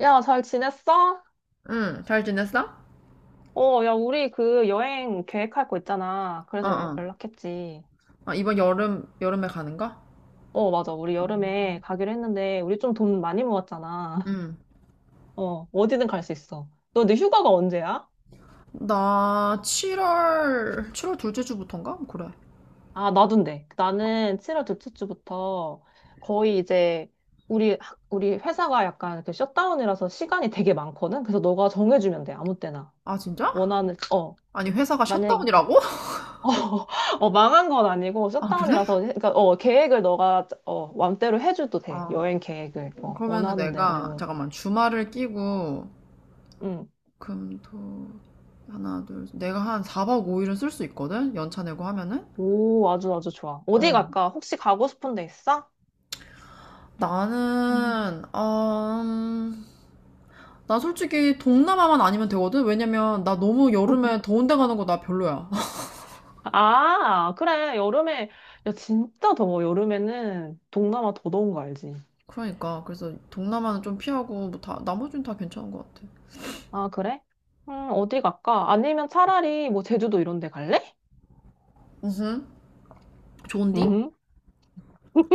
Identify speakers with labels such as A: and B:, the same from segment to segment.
A: 야, 잘 지냈어?
B: 응, 잘 지냈어?
A: 어, 야, 우리 그 여행 계획할 거 있잖아.
B: 어,
A: 그래서
B: 어.
A: 연락했지.
B: 아, 이번 여름에 가는 거?
A: 어, 맞아. 우리 여름에 가기로 했는데, 우리 좀 돈 많이 모았잖아.
B: 응.
A: 어, 어디든 갈 수 있어. 너 근데 휴가가 언제야?
B: 나 7월 둘째 주부터인가? 그래.
A: 아, 나도인데. 나는 7월 둘째 주부터 거의 이제 우리 회사가 약간 그 셧다운이라서 시간이 되게 많거든? 그래서 너가 정해주면 돼. 아무 때나.
B: 아, 진짜?
A: 원하는,
B: 아니, 회사가
A: 만약에,
B: 셧다운이라고?
A: 어, 망한 건 아니고
B: 아, 그래?
A: 셧다운이라서 그러니까 계획을 너가 맘대로 해줘도 돼.
B: 아,
A: 여행 계획을
B: 그러면은
A: 원하는
B: 내가,
A: 대로.
B: 잠깐만, 주말을 끼고, 금, 토, 하나, 둘, 셋. 내가 한 4박 5일은 쓸 수 있거든? 연차 내고 하면은?
A: 응오, 아주 아주 좋아. 어디
B: 어.
A: 갈까? 혹시 가고 싶은 데 있어? 음.
B: 나는, 음, 나 솔직히 동남아만 아니면 되거든? 왜냐면 나 너무 여름에 더운 데 가는 거 나 별로야.
A: 아, 그래. 여름에. 야, 진짜 더워. 여름에는 동남아 더 더운 거 알지?
B: 그러니까 그래서 동남아는 좀 피하고 뭐 다 나머지는 다 괜찮은 것 같아.
A: 아, 그래? 어디 갈까? 아니면 차라리 뭐 제주도 이런 데 갈래?
B: 음. 좋은디?
A: 음.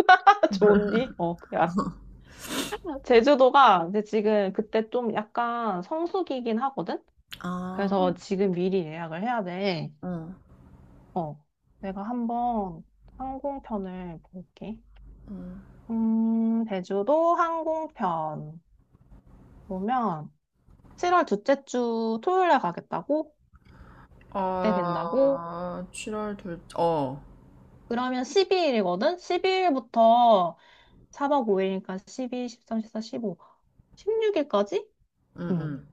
A: 좋은디? 어그 제주도가 이제 지금 그때 좀 약간 성수기긴 하거든?
B: 아,
A: 그래서 지금 미리 예약을 해야 돼.
B: 응.
A: 어, 내가 한번 항공편을 볼게. 제주도 항공편 보면 7월 둘째 주 토요일에 가겠다고? 그때 된다고?
B: 아, 7월 둘, 어,
A: 그러면 12일이거든? 12일부터 4박 5일이니까 12, 13, 14, 15, 16일까지?
B: 응,
A: 응.
B: 응.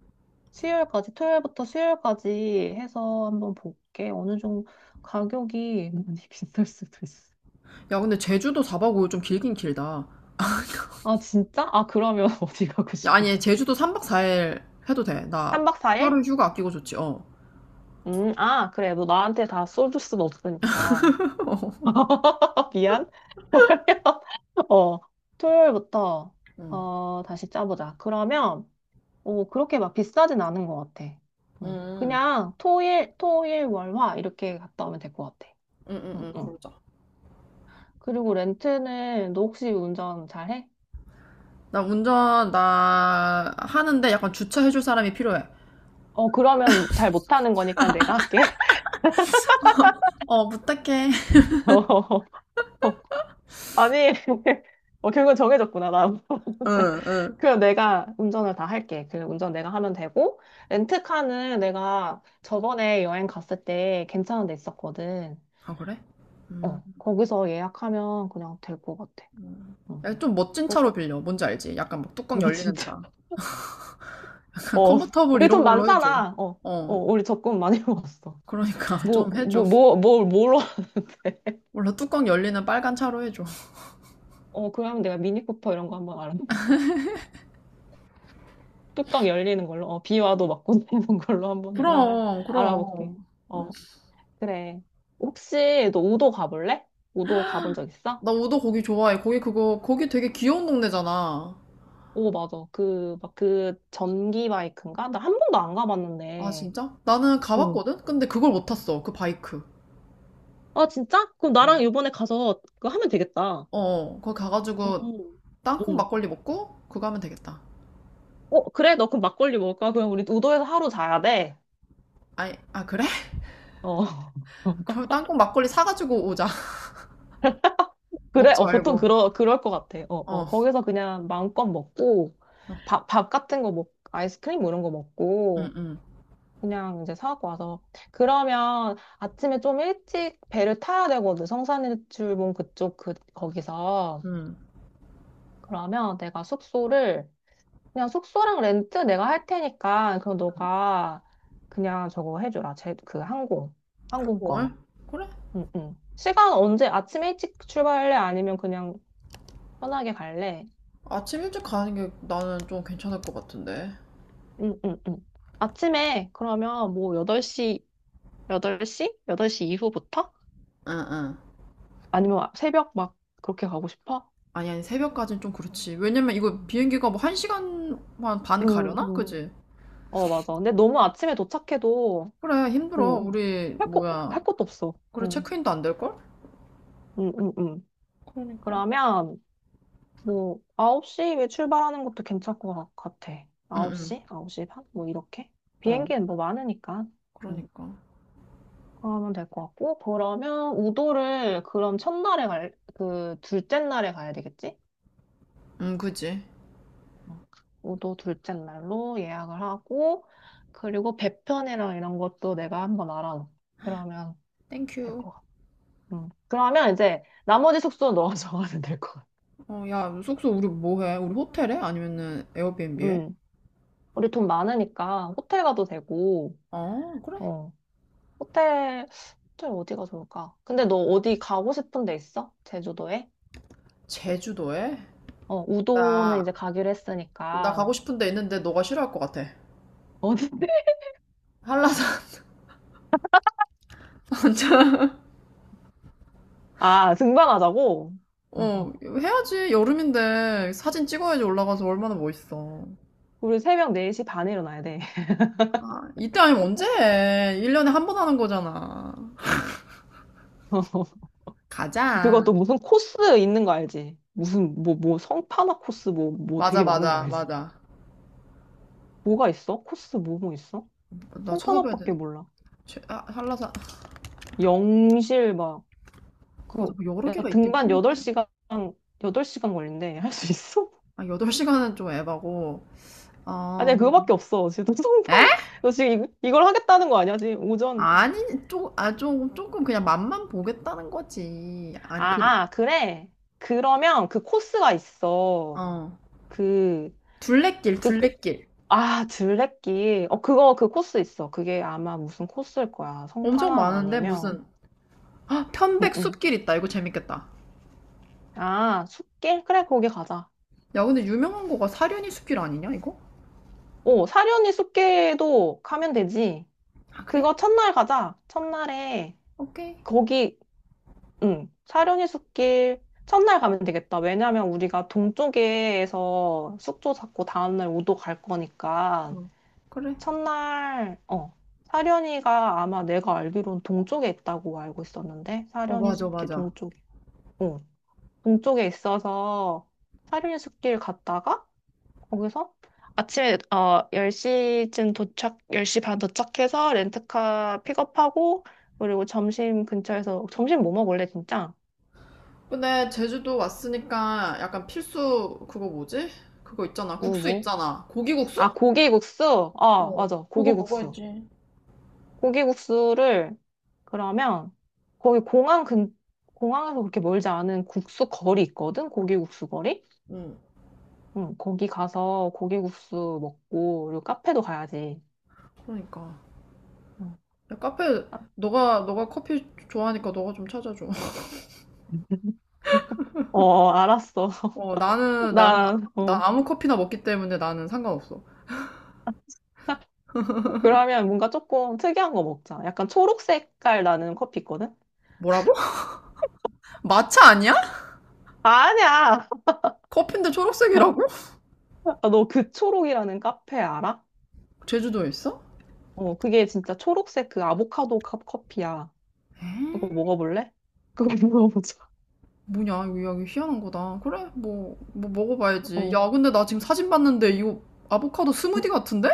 A: 수요일까지, 토요일부터 수요일까지 해서 한번 볼게. 어느 정도 가격이 많이 비쌀 수도 있어.
B: 야, 근데 제주도 4박 5일 좀 길긴 길다.
A: 아, 진짜? 아, 그러면 어디 가고
B: 야, 아니,
A: 싶은데?
B: 제주도 3박 4일 해도 돼. 나
A: 3박 4일?
B: 하루 휴가 아끼고 좋지, 어.
A: 아, 그래. 너 나한테 다 쏠줄 수는 없으니까. 미안. 그러면, 어, 토요일부터,
B: 응,
A: 다시 짜보자. 그러면, 오, 그렇게 막 비싸진 않은 것 같아. 응.
B: 응,
A: 그냥 토일, 토일, 월, 화 이렇게 갔다 오면 될 것 같아.
B: 응, 응,
A: 응,
B: 응,
A: 응.
B: 그러자.
A: 그리고 렌트는 너 혹시 운전 잘해?
B: 나 하는데 약간 주차해줄 사람이 필요해.
A: 어, 그러면 잘 못하는 거니까 내가 할게.
B: 어, 부탁해.
A: 어, 아니, 결국은 정해졌구나, 나.
B: 응, 응.
A: 그럼 내가 운전을 다 할게. 그 운전 내가 하면 되고, 렌트카는 내가 저번에 여행 갔을 때 괜찮은 데 있었거든.
B: 아, 그래? 음.
A: 거기서 예약하면 그냥 될 것 같아.
B: 음.
A: 어,
B: 야, 좀 멋진
A: 어,
B: 차로 빌려. 뭔지 알지? 약간 막 뚜껑
A: 뭐,
B: 열리는
A: 진짜.
B: 차.
A: 어,
B: 컨버터블
A: 우리
B: 이런
A: 돈
B: 걸로 해줘.
A: 많잖아. 어, 어,
B: 어.
A: 우리 적금 많이 모았어.
B: 그러니까
A: 뭐,
B: 좀 해줘.
A: 뭐, 뭐, 뭘, 뭘로.
B: 몰라, 뚜껑 열리는 빨간 차로 해줘.
A: 그러면 내가 미니쿠퍼 이런 거 한번 알아볼게. 뚜껑 열리는 걸로. 비 와도 막고 내는 걸로 한번 내가
B: 그럼,
A: 알아볼게.
B: 그럼. 음.
A: 어. 그래. 혹시 너 우도 가볼래? 우도 가본 적 있어?
B: 나 우도 거기 좋아해. 거기 되게 귀여운 동네잖아.
A: 오, 맞아. 막 그 전기 바이크인가? 나 한 번도 안
B: 아,
A: 가봤는데.
B: 진짜? 나는
A: 응.
B: 가봤거든? 근데 그걸 못 탔어. 그 바이크.
A: 아, 진짜? 그럼 나랑 이번에 가서 그거 하면 되겠다.
B: 어, 거기 가가지고
A: 응.
B: 땅콩
A: 응.
B: 막걸리 먹고 그거 하면 되겠다.
A: 어, 그래? 너 그럼 막걸리 먹을까? 그럼 우리 우도에서 하루 자야 돼.
B: 아, 아, 그래?
A: 어.
B: 그럼 땅콩 막걸리 사가지고 오자.
A: 그래?
B: 먹지
A: 어, 보통
B: 말고.
A: 그럴 것 같아. 어, 어.
B: 어,
A: 거기서 그냥 마음껏 먹고, 밥 같은 거 아이스크림 뭐 이런 거
B: 응,
A: 먹고,
B: 응,
A: 그냥 이제 사갖고 와서. 그러면 아침에 좀 일찍 배를 타야 되거든. 성산일출봉 그쪽, 거기서.
B: 응.
A: 그러면 내가 그냥 숙소랑 렌트 내가 할 테니까, 그럼 너가 그냥 저거 해줘라. 그 항공권.
B: 한국을? 그래?
A: 응, 응. 시간 언제? 아침에 일찍 출발할래? 아니면 그냥 편하게 갈래?
B: 아침 일찍 가는 게 나는 좀 괜찮을 것 같은데.
A: 응, 응, 응. 아침에 그러면 뭐 8시, 8시? 8시 이후부터?
B: 응, 응.
A: 아니면 새벽 막 그렇게 가고 싶어?
B: 아니, 아니, 새벽까지는 좀 그렇지. 왜냐면 이거 비행기가 뭐 한 시간만 반
A: 응,
B: 가려나?
A: 응.
B: 그지?
A: 어, 맞아. 근데 너무 아침에 도착해도,
B: 그래, 힘들어.
A: 뭐,
B: 우리, 뭐야.
A: 할 것도 없어.
B: 그래,
A: 응,
B: 체크인도 안 될걸?
A: 응, 응, 응.
B: 그러니까.
A: 그러면, 뭐, 9시에 출발하는 것도 괜찮을 것 같아.
B: 응, 응.
A: 9시? 9시 반? 뭐, 이렇게?
B: 어,
A: 비행기는 뭐 많으니까. 응,
B: 그러니까.
A: 그러면 될 것 같고. 그러면, 그럼 첫날에 둘째 날에 가야 되겠지?
B: 응, 그지?
A: 응. 우도 둘째 날로 예약을 하고, 그리고 배편이랑 이런 것도 내가 한번 알아놓 그러면,
B: 땡큐.
A: 될 것 같아. 음. 그러면 이제 나머지 숙소는 너가 정하면 될 것 같아.
B: 어, 야, 숙소 우리 뭐 해? 우리 호텔에? 아니면은 에어비앤비에?
A: 음. 우리 돈 많으니까 호텔 가도 되고,
B: 어, 그래.
A: 어. 호텔, 호텔 어디가 좋을까? 근데 너 어디 가고 싶은 데 있어? 제주도에?
B: 제주도에?
A: 어, 우도는
B: 나,
A: 이제 가기로
B: 나
A: 했으니까.
B: 가고 싶은 데 있는데 너가 싫어할 것 같아.
A: 어디?
B: 한라산
A: 아, 등반하자고?
B: 어, 해야지. 여름인데 사진 찍어야지 올라가서 얼마나 멋있어.
A: 우리 새벽 4시 반에 일어나야 돼.
B: 아, 이때 아니면 언제 해? 1년에 한 번 하는 거잖아. 가자.
A: 그것도 무슨 코스 있는 거 알지? 무슨, 뭐, 뭐, 성판악 코스 뭐, 뭐
B: 맞아,
A: 되게 많은 거
B: 맞아,
A: 알지?
B: 맞아.
A: 뭐가 있어? 코스 뭐, 뭐 있어?
B: 나 찾아봐야 돼.
A: 성판악밖에 몰라.
B: 아, 한라산. 아,
A: 영실 막,
B: 맞아,
A: 그,
B: 뭐 여러
A: 야,
B: 개가 있긴
A: 등반
B: 했는데.
A: 8시간, 여덟 시간 걸린대. 할 수 있어?
B: 아, 8시간은 좀 에바고.
A: 아니,
B: 어,
A: 야, 그거밖에 없어. 지금
B: 에?
A: 너 지금 이걸 하겠다는 거 아니야? 지금 오전.
B: 아니, 아, 조금 그냥 맛만 보겠다는 거지. 아니, 그,
A: 아, 그래. 그러면 그 코스가 있어.
B: 어.
A: 그,
B: 둘레길,
A: 그, 그
B: 둘레길.
A: 아, 둘레길. 그 코스 있어. 그게 아마 무슨 코스일 거야.
B: 엄청
A: 성판악
B: 많은데,
A: 아니면.
B: 무슨. 아,
A: 응,
B: 편백
A: 응.
B: 숲길 있다. 이거 재밌겠다.
A: 아, 숲길? 그래, 거기 가자.
B: 야, 근데 유명한 거가 사려니 숲길 아니냐, 이거?
A: 오, 사려니 숲길도 가면 되지.
B: 아, 그래?
A: 그거 첫날 가자. 첫날에
B: 오케이.
A: 거기, 응, 사려니 숲길 첫날 가면 되겠다. 왜냐면 우리가 동쪽에서 숙소 잡고 다음날 우도 갈 거니까
B: 어, 그래.
A: 첫날, 사려니가 아마 내가 알기로는 동쪽에 있다고 알고 있었는데
B: 어,
A: 사려니
B: 맞아,
A: 숲길
B: 맞아.
A: 어, 동쪽에 있어서 사려니 숲길 갔다가 거기서 아침에 10시쯤 도착, 10시 반 도착해서 렌트카 픽업하고 그리고 점심 근처에서 점심 뭐 먹을래, 진짜?
B: 근데 제주도 왔으니까 약간 필수, 그거 뭐지? 그거 있잖아.
A: 뭐,
B: 국수
A: 뭐?
B: 있잖아. 고기국수?
A: 아, 고기국수? 어,
B: 어,
A: 맞아.
B: 그거
A: 고기국수.
B: 먹어야지.
A: 고기국수를, 그러면, 거기 공항에서 그렇게 멀지 않은 국수 거리 있거든? 고기국수 거리?
B: 응,
A: 응, 거기 가서 고기국수 먹고, 그리고 카페도 가야지.
B: 그러니까.
A: 어,
B: 야, 카페,
A: 아,
B: 너가 커피 좋아하니까 너가 좀 찾아줘.
A: 알았어.
B: 어,
A: 나, 어.
B: 나 아무 커피나 먹기 때문에 나는 상관없어.
A: 그러면 뭔가 조금 특이한 거 먹자. 약간 초록 색깔 나는 커피 있거든?
B: 뭐라고? 마차 아니야?
A: 아니야!
B: 커피인데 초록색이라고?
A: 너 그 초록이라는 카페 알아?
B: 제주도에 있어?
A: 그게 진짜 초록색 그 아보카도 컵 커피야. 그거
B: 에이.
A: 먹어볼래? 그거 먹어보자.
B: 뭐냐, 이거 야, 이거 희한한 거다. 그래, 뭐 먹어봐야지.
A: 어.
B: 야, 근데 나 지금 사진 봤는데 이거 아보카도 스무디 같은데?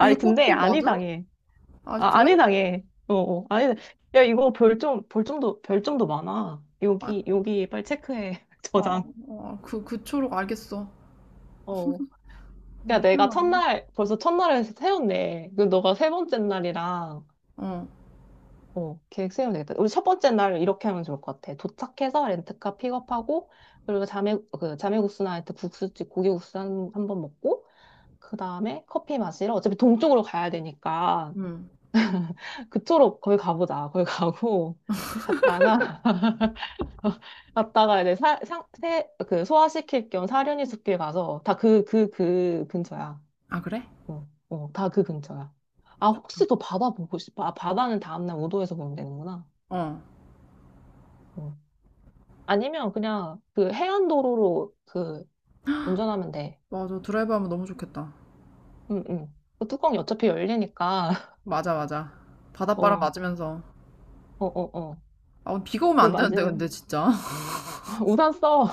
B: 이게
A: 근데
B: 꽃피
A: 안
B: 맞아?
A: 이상해.
B: 아,
A: 아, 안
B: 그래?
A: 이상해. 어, 어, 아니, 야, 이거 별점도, 별점도 많아.
B: 아,
A: 여기, 여기 빨리 체크해.
B: 아,
A: 저장.
B: 아, 그 초록 알겠어.
A: 어.
B: 어,
A: 야, 내가
B: 희한하네.
A: 첫날, 벌써 첫날을 세웠네. 그 너가 세 번째 날이랑,
B: 어,
A: 계획 세우면 되겠다. 우리 첫 번째 날 이렇게 하면 좋을 것 같아. 도착해서 렌트카 픽업하고, 그리고 그 자매국수 나이트 국수집 고기국수 한 번 먹고, 그 다음에 커피 마시러 어차피 동쪽으로 가야 되니까
B: 응.
A: 그쪽으로 거기 가보자. 거기 가고 갔다가 갔다가 이제 그 소화시킬 겸 사려니 숲길 가서 다 그 근처야.
B: 아, 그래?
A: 어, 어, 다 그 근처야. 아, 혹시 더 바다 보고 싶어? 아, 바다는 다음날 우도에서 보면 되는구나.
B: 어,
A: 어. 아니면 그냥 그 해안도로로 운전하면 돼.
B: 맞아. 드라이브 하면 너무 좋겠다.
A: 응, 응. 그 뚜껑이 어차피 열리니까.
B: 맞아, 맞아. 바닷바람
A: 어,
B: 맞으면서.
A: 어, 어, 어.
B: 아, 오늘 비가 오면
A: 그
B: 안 되는데,
A: 맞음.
B: 근데 진짜.
A: 우산 써.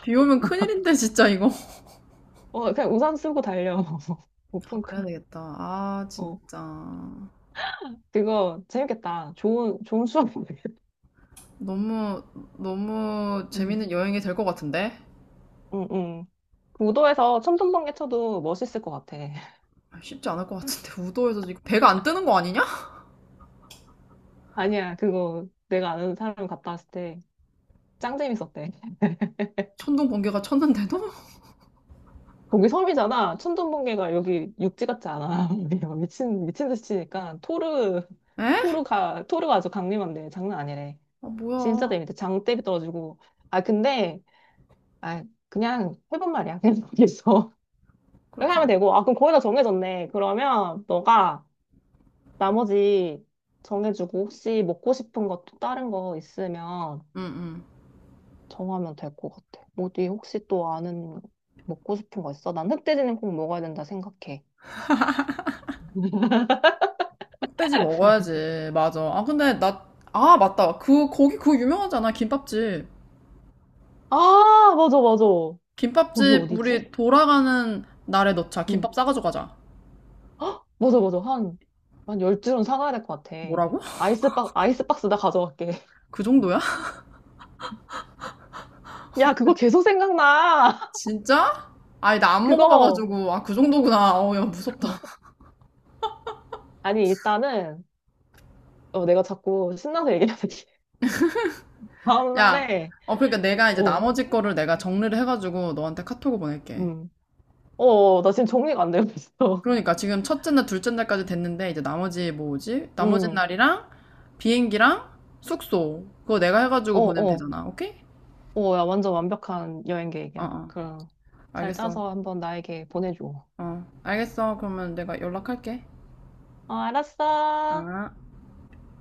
B: 비 오면 큰일인데, 진짜 이거.
A: 어, 그냥 우산 쓰고 달려.
B: 아, 그래야
A: 오픈카.
B: 되겠다. 아,
A: 어,
B: 진짜.
A: 그거 재밌겠다. 좋은, 좋은 수업이겠다.
B: 너무, 너무
A: 응,
B: 재밌는 여행이 될 것 같은데?
A: 응, 응. 그 우도에서 천둥번개 쳐도 멋있을 것 같아.
B: 아, 쉽지 않을 것 같은데 우도에서 지금 배가 안 뜨는 거 아니냐?
A: 아니야, 그거 내가 아는 사람 갔다 왔을 때 짱 재밌었대.
B: 천둥 번개가 쳤는데도?
A: 거기 섬이잖아. 천둥번개가 여기 육지 같지 않아. 미친, 미친 듯이 치니까 토르,
B: 에?
A: 토르가 아주 강림한데 장난 아니래.
B: 아,
A: 진짜
B: 뭐야.
A: 재밌대. 장대비 떨어지고. 아, 근데, 아, 그냥 해본 말이야. 그냥 거기서.
B: 그렇게
A: 이렇게 하면
B: 안.
A: 되고, 아, 그럼 거의 다 정해졌네. 그러면 너가 나머지 정해주고, 혹시 먹고 싶은 것도 다른 거 있으면
B: 응응
A: 정하면 될 것 같아. 어디 혹시 또 아는 먹고 싶은 거 있어? 난 흑돼지는 꼭 먹어야 된다 생각해.
B: 흑돼지 먹어야지. 맞아. 아, 근데 나, 아, 맞다. 그 거기 그거 유명하잖아, 김밥집.
A: 아, 맞아, 맞아. 거기
B: 김밥집
A: 어디지?
B: 우리 돌아가는 날에 넣자.
A: 응,
B: 김밥 싸가지고 가자.
A: 맞아, 맞아. 한, 한 열 줄은 사가야 될 것 같아.
B: 뭐라고?
A: 아이스박스 나 가져갈게.
B: 그 정도야?
A: 야, 그거 계속 생각나.
B: 진짜? 아니, 나 안
A: 그거.
B: 먹어봐가지고. 아, 그 정도구나. 어우, 야, 무섭다.
A: 아니, 일단은, 내가 자꾸 신나서 얘기하는데.
B: 야.
A: 다음날에,
B: 어, 그러니까 내가 이제
A: 어,
B: 나머지 거를 내가 정리를 해가지고 너한테 카톡을 보낼게.
A: 음. 나 지금 정리가 안 되고 있어.
B: 그러니까 지금 첫째 날, 둘째 날까지 됐는데 이제 나머지 뭐 뭐지? 나머지
A: 음.
B: 날이랑 비행기랑 숙소 그거 내가
A: 어,
B: 해가지고 보내면
A: 어.
B: 되잖아. 오케이?
A: 어, 야, 완전 완벽한 여행
B: 어,
A: 계획이야.
B: 어.
A: 그럼 잘
B: 알겠어.
A: 짜서 한번 나에게 보내줘.
B: 어, 알겠어. 그러면 내가 연락할게.
A: 어, 알았어.
B: 아.